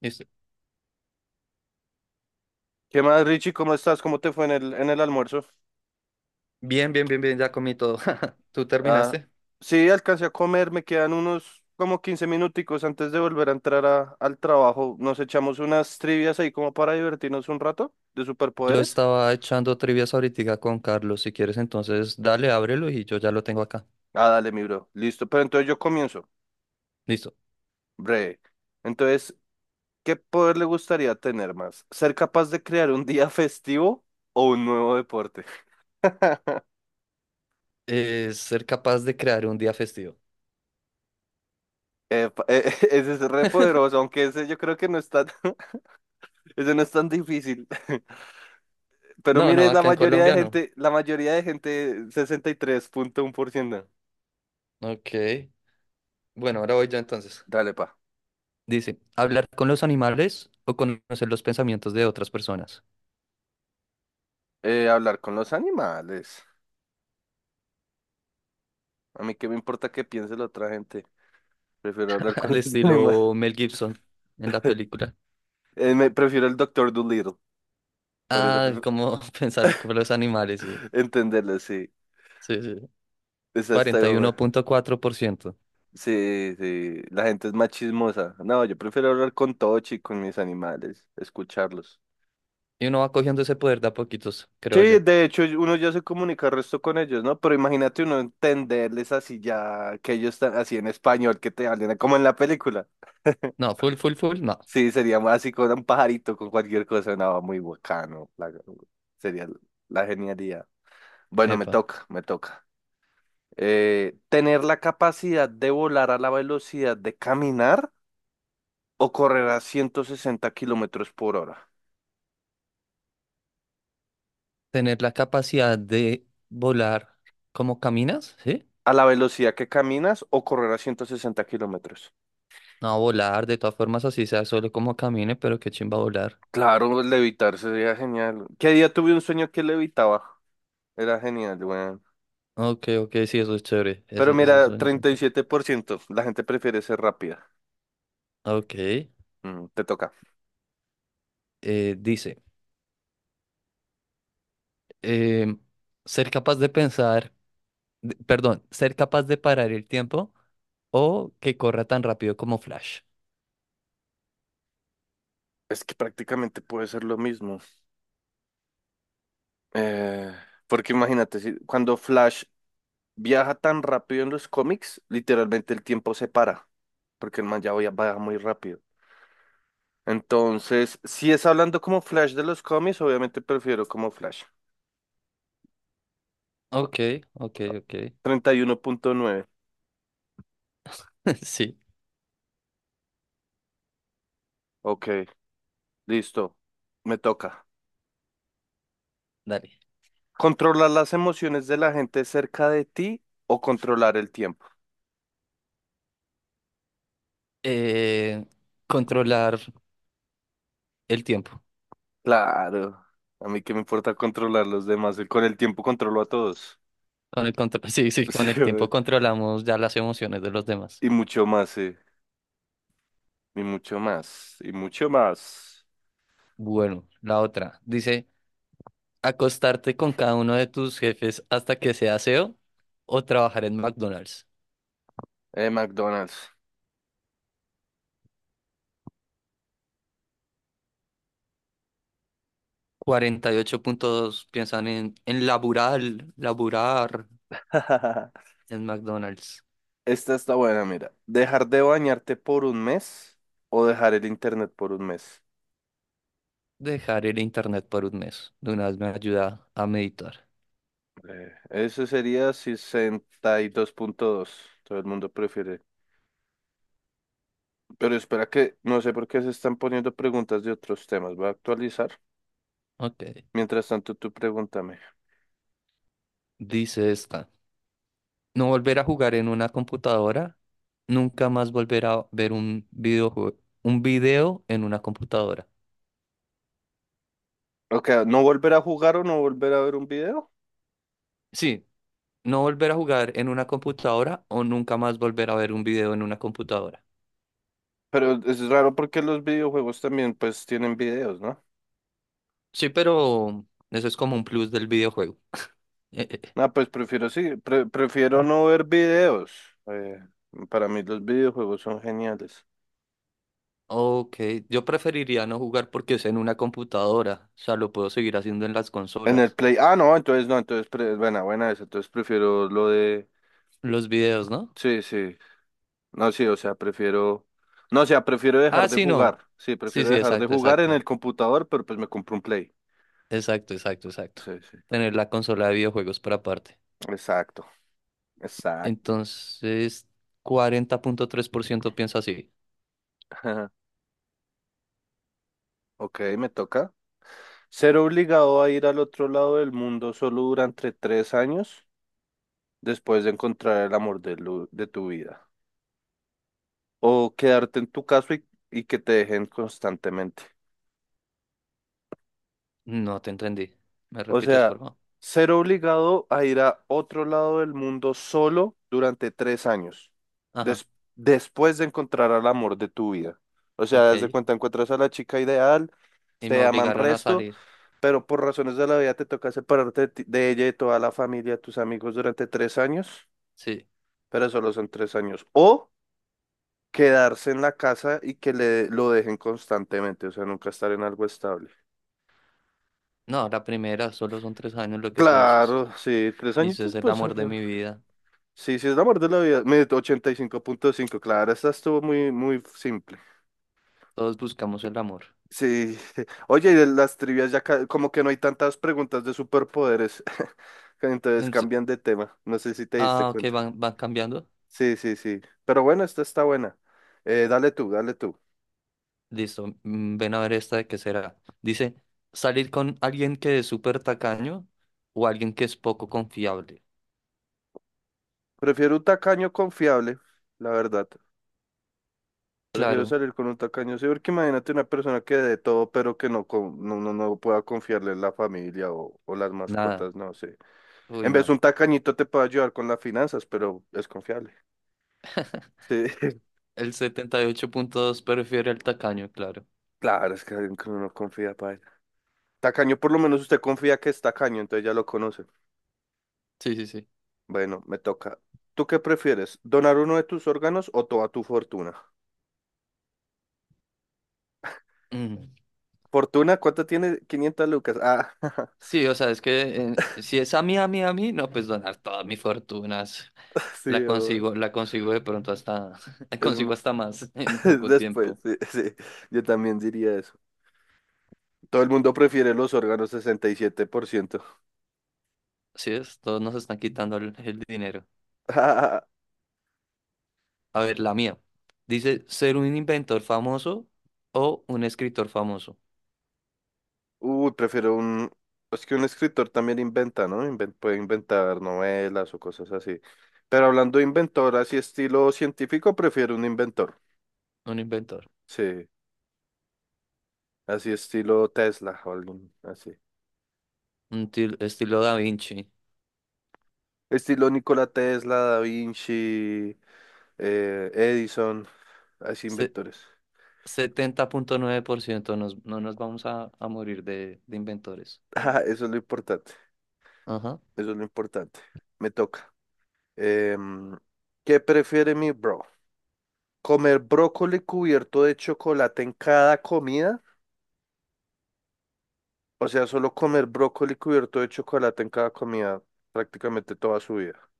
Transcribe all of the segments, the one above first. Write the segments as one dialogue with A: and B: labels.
A: Listo.
B: ¿Qué más, Richie? ¿Cómo estás? ¿Cómo te fue en el almuerzo?
A: Bien, bien, bien, bien, ya comí todo. ¿Tú
B: Ah,
A: terminaste?
B: sí, alcancé a comer, me quedan unos como 15 minuticos antes de volver a entrar al trabajo. Nos echamos unas trivias ahí como para divertirnos un rato de
A: Yo
B: superpoderes.
A: estaba echando trivias ahorita con Carlos. Si quieres, entonces dale, ábrelo y yo ya lo tengo acá.
B: Ah, dale, mi bro. Listo, pero entonces yo comienzo.
A: Listo.
B: Breve. Entonces, ¿qué poder le gustaría tener más? ¿Ser capaz de crear un día festivo o un nuevo deporte?
A: Ser capaz de crear un día festivo.
B: Epa, ese es re poderoso, aunque ese yo creo que no es tan, ese no es tan difícil. Pero
A: No, no,
B: mire, la
A: acá en
B: mayoría de
A: Colombia no.
B: gente, la mayoría de gente, 63,1%.
A: Ok. Bueno, ahora voy yo entonces.
B: Dale, pa.
A: Dice, hablar con los animales o conocer los pensamientos de otras personas.
B: Hablar con los animales. A mí qué me importa qué piense la otra gente. Prefiero hablar con
A: Al
B: los animales.
A: estilo Mel Gibson en la película.
B: Me prefiero el Doctor Dolittle. Para eso
A: Ah,
B: prefiero
A: como pensar con los animales, sí.
B: entenderlo, sí.
A: Sí, sí.
B: Esa está
A: cuarenta y uno
B: buena.
A: punto cuatro por ciento
B: Sí, sí. La gente es más chismosa. No, yo prefiero hablar con Tochi, con mis animales, escucharlos.
A: Y uno va cogiendo ese poder de a poquitos, creo
B: Sí,
A: yo.
B: de hecho uno ya se comunica el resto con ellos, ¿no? Pero imagínate uno entenderles así ya que ellos están así en español, que te hablen como en la película.
A: No, full, full, full, no.
B: Sí, sería más así con un pajarito, con cualquier cosa, nada, muy bacano. Sería la genialidad. Bueno, me
A: Epa.
B: toca, me toca. ¿Tener la capacidad de volar a la velocidad de caminar o correr a 160 kilómetros por hora?
A: Tener la capacidad de volar como caminas, ¿sí?
B: ¿A la velocidad que caminas o correr a 160 kilómetros?
A: No, volar, de todas formas, así sea solo como camine, pero qué chimba volar.
B: Claro, levitar sería genial. ¿Qué día tuve un sueño que levitaba? Era genial, weón.
A: Ok, ok, sí, eso es chévere.
B: Pero
A: Esos
B: mira,
A: sueños son
B: treinta y
A: chéveres.
B: siete por ciento. La gente prefiere ser rápida.
A: Ok.
B: Mm, te toca.
A: Dice, em, ser capaz de pensar, perdón, ser capaz de parar el tiempo o que corra tan rápido como Flash.
B: Es que prácticamente puede ser lo mismo. Eh, Porque imagínate, si, cuando Flash viaja tan rápido en los cómics, literalmente el tiempo se para. Porque el man ya va muy rápido. Entonces, si es hablando como Flash de los cómics, obviamente prefiero como Flash.
A: Ok, ok, ok.
B: 31,9.
A: Sí,
B: Ok, listo. Me toca.
A: dale.
B: ¿Controlar las emociones de la gente cerca de ti o controlar el tiempo?
A: eh, Controlar el tiempo.
B: Claro, a mí qué me importa controlar los demás, con el tiempo controlo a todos.
A: Sí, sí,
B: Sí,
A: con el tiempo
B: güey.
A: controlamos ya las emociones de los demás.
B: Y mucho más, sí, y mucho más.
A: Bueno, la otra dice, acostarte con cada uno de tus jefes hasta que sea CEO o trabajar en McDonald's.
B: McDonald's.
A: 48.2 piensan en laburar, laburar en McDonald's.
B: Esta está buena, mira. ¿Dejar de bañarte por un mes o dejar el internet por un mes?
A: Dejar el internet por un mes. De una vez me ayuda a meditar.
B: Eso sería 62.2. Todo el mundo prefiere. Pero espera que no sé por qué se están poniendo preguntas de otros temas. Voy a actualizar.
A: Ok.
B: Mientras tanto, tú pregúntame.
A: Dice esta. No volver a jugar en una computadora, nunca más volver a ver un videojuego, un video en una computadora.
B: Ok, ¿no volver a jugar o no volver a ver un video?
A: Sí, no volver a jugar en una computadora o nunca más volver a ver un video en una computadora.
B: Pero es raro porque los videojuegos también pues tienen videos, ¿no?
A: Sí, pero eso es como un plus del videojuego. Eh, eh, eh.
B: Ah, pues prefiero sí, prefiero no ver videos. Eh, para mí los videojuegos son geniales.
A: Ok, yo preferiría no jugar porque es en una computadora, o sea, lo puedo seguir haciendo en las
B: En el
A: consolas.
B: Play, ah, no, entonces no, entonces, buena, buena esa, entonces prefiero lo de,
A: Los videos, ¿no?
B: sí, sí. No, sí, o sea, prefiero, no, o sea, prefiero dejar
A: Ah,
B: de
A: sí, no.
B: jugar. Sí,
A: Sí,
B: prefiero
A: sí,
B: dejar de
A: exacto,
B: jugar en
A: exacto.
B: el computador, pero pues me compro un Play.
A: Exacto, exacto, exacto.
B: Sí, sí.
A: Tener la consola de videojuegos para aparte.
B: Exacto, exacto.
A: Entonces, 40,3% piensa así.
B: Ajá. Ok, me toca. Ser obligado a ir al otro lado del mundo solo durante tres años después de encontrar el amor de, de tu vida. O quedarte en tu casa y que te dejen constantemente.
A: No te entendí. ¿Me
B: O
A: repites, por
B: sea,
A: favor?
B: ser obligado a ir a otro lado del mundo solo durante tres años,
A: Ajá,
B: des- después de encontrar al amor de tu vida. O sea, desde
A: ok.
B: cuenta encuentras a la chica ideal,
A: Y me
B: te aman
A: obligaron a
B: resto,
A: salir.
B: pero por razones de la vida te toca separarte de, de ella y de toda la familia, tus amigos durante tres años,
A: Sí.
B: pero solo son tres años. O quedarse en la casa y que le, lo dejen constantemente, o sea, nunca estar en algo estable.
A: No, la primera, solo son tres años lo que tú dices.
B: Claro, sí, tres añitos,
A: Dices el
B: pues
A: amor de mi vida.
B: sí, sí, es la muerte de la vida. Me 85,5, claro, esta estuvo muy simple.
A: Todos buscamos el amor.
B: Sí. Oye, y de las trivias ya como que no hay tantas preguntas de superpoderes. Entonces
A: Em, s-
B: cambian de tema. No sé si te diste
A: Ah, ok,
B: cuenta.
A: van, van cambiando.
B: Sí, sí, sí. Pero bueno, esta está buena. Dale tú.
A: Listo. Ven a ver esta de qué será. Dice, salir con alguien que es súper tacaño o alguien que es poco confiable.
B: Prefiero un tacaño confiable, la verdad. Prefiero
A: Claro,
B: salir con un tacaño, sí, porque imagínate una persona que de todo, pero que no, no, no pueda confiarle en la familia o las
A: nada.
B: mascotas, no sé.
A: Uy,
B: En vez de un
A: no.
B: tacañito te puede ayudar con las finanzas, pero es confiable. Sí,
A: El 78,2 prefiere al tacaño, claro.
B: claro, es que alguien que uno no confía, para. Tacaño, por lo menos usted confía que es tacaño, entonces ya lo conoce.
A: Sí, sí, sí.
B: Bueno, me toca. ¿Tú qué prefieres? ¿Donar uno de tus órganos o toda tu fortuna?
A: Mm.
B: ¿Fortuna? ¿Cuánto tiene? Quinientas lucas. Ah,
A: Sí, o sea, es que si es a mí, no, pues donar todas mis fortunas.
B: sí, obvio.
A: La consigo de pronto hasta, la
B: Es
A: consigo
B: mu-
A: hasta más en poco
B: Después,
A: tiempo.
B: sí, sí, yo también diría eso. Todo el mundo prefiere los órganos, 67%.
A: Así es, todos nos están quitando el dinero. A ver, la mía. Dice, ser un inventor famoso o un escritor famoso.
B: Uy, prefiero un... Es que un escritor también inventa, ¿no? Puede inventar novelas o cosas así. Pero hablando de inventor, así estilo científico, prefiero un inventor.
A: Un inventor.
B: Sí, así estilo Tesla o algún así.
A: Estilo Da Vinci.
B: Estilo Nikola Tesla, Da Vinci, Edison, así
A: Se-
B: inventores.
A: 70,9% no nos vamos a morir de inventores.
B: Ah, eso es lo importante,
A: Ajá.
B: eso es lo importante. Me toca. Em, ¿qué prefiere mi bro? ¿Comer brócoli cubierto de chocolate en cada comida? O sea, solo comer brócoli cubierto de chocolate en cada comida prácticamente toda su vida.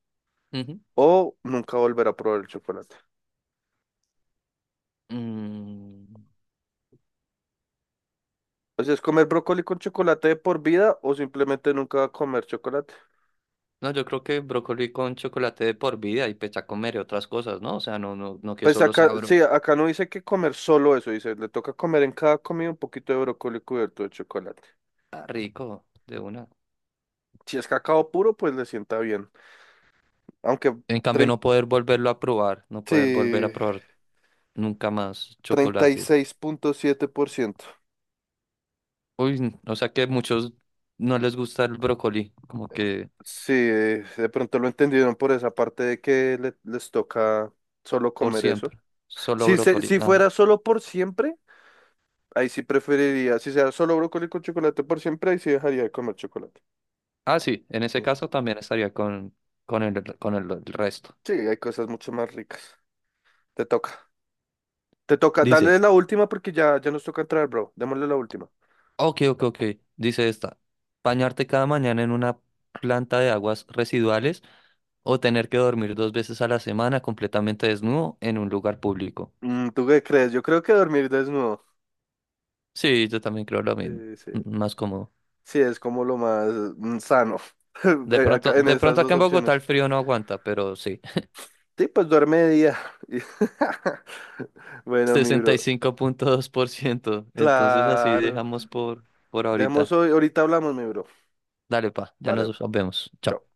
A: Ujú.
B: O nunca volver a probar el chocolate.
A: Mm,
B: O sea, es comer brócoli con chocolate de por vida o simplemente nunca comer chocolate.
A: no, yo creo que brócoli con chocolate de por vida y pues ya comeré otras cosas, ¿no? O sea, no, no, no que
B: Pues
A: solo
B: acá,
A: sea bro.
B: sí, acá no dice que comer solo eso, dice, le toca comer en cada comida un poquito de brócoli cubierto de chocolate.
A: Ah, rico, de una.
B: Si es cacao puro, pues le sienta bien. Aunque
A: En cambio,
B: trein-
A: no poder volverlo a probar, no poder volver a
B: sí,
A: probar nunca más
B: treinta y
A: chocolate.
B: seis punto siete por ciento.
A: Uy, o sea que muchos no les gusta el brócoli, como que
B: Sí, de pronto lo entendieron por esa parte de que les toca solo
A: por
B: comer eso.
A: siempre, solo
B: Si,
A: brócoli.
B: si
A: Ah,
B: fuera solo por siempre, ahí sí preferiría. Si sea solo brócoli con chocolate por siempre, ahí sí dejaría de comer chocolate.
A: ah, sí, en ese
B: Mm.
A: caso también estaría con el, con el resto.
B: Sí, hay cosas mucho más ricas. Te toca. Te toca.
A: Dice.
B: Dale la última porque ya, ya nos toca entrar, bro. Démosle la última.
A: Ok, ok, ok. Dice esta. Bañarte cada mañana en una planta de aguas residuales o tener que dormir dos veces a la semana completamente desnudo en un lugar público.
B: Mm, ¿tú qué crees? Yo creo que dormir desnudo.
A: Sí, yo también creo lo mismo.
B: Sí,
A: M-
B: sí.
A: Más cómodo.
B: Sí, es como lo más mm, sano. Eh, acá en
A: De
B: esas
A: pronto
B: dos
A: acá en Bogotá el
B: opciones.
A: frío no aguanta, pero sí.
B: Sí, pues duerme de día. Bueno, mi
A: Sesenta
B: bro.
A: y cinco punto dos por ciento. Entonces así
B: Claro.
A: dejamos por
B: Dejamos
A: ahorita.
B: hoy, ahorita hablamos, mi bro.
A: Dale, pa, ya
B: Vale,
A: nos vemos. Chao.
B: chao.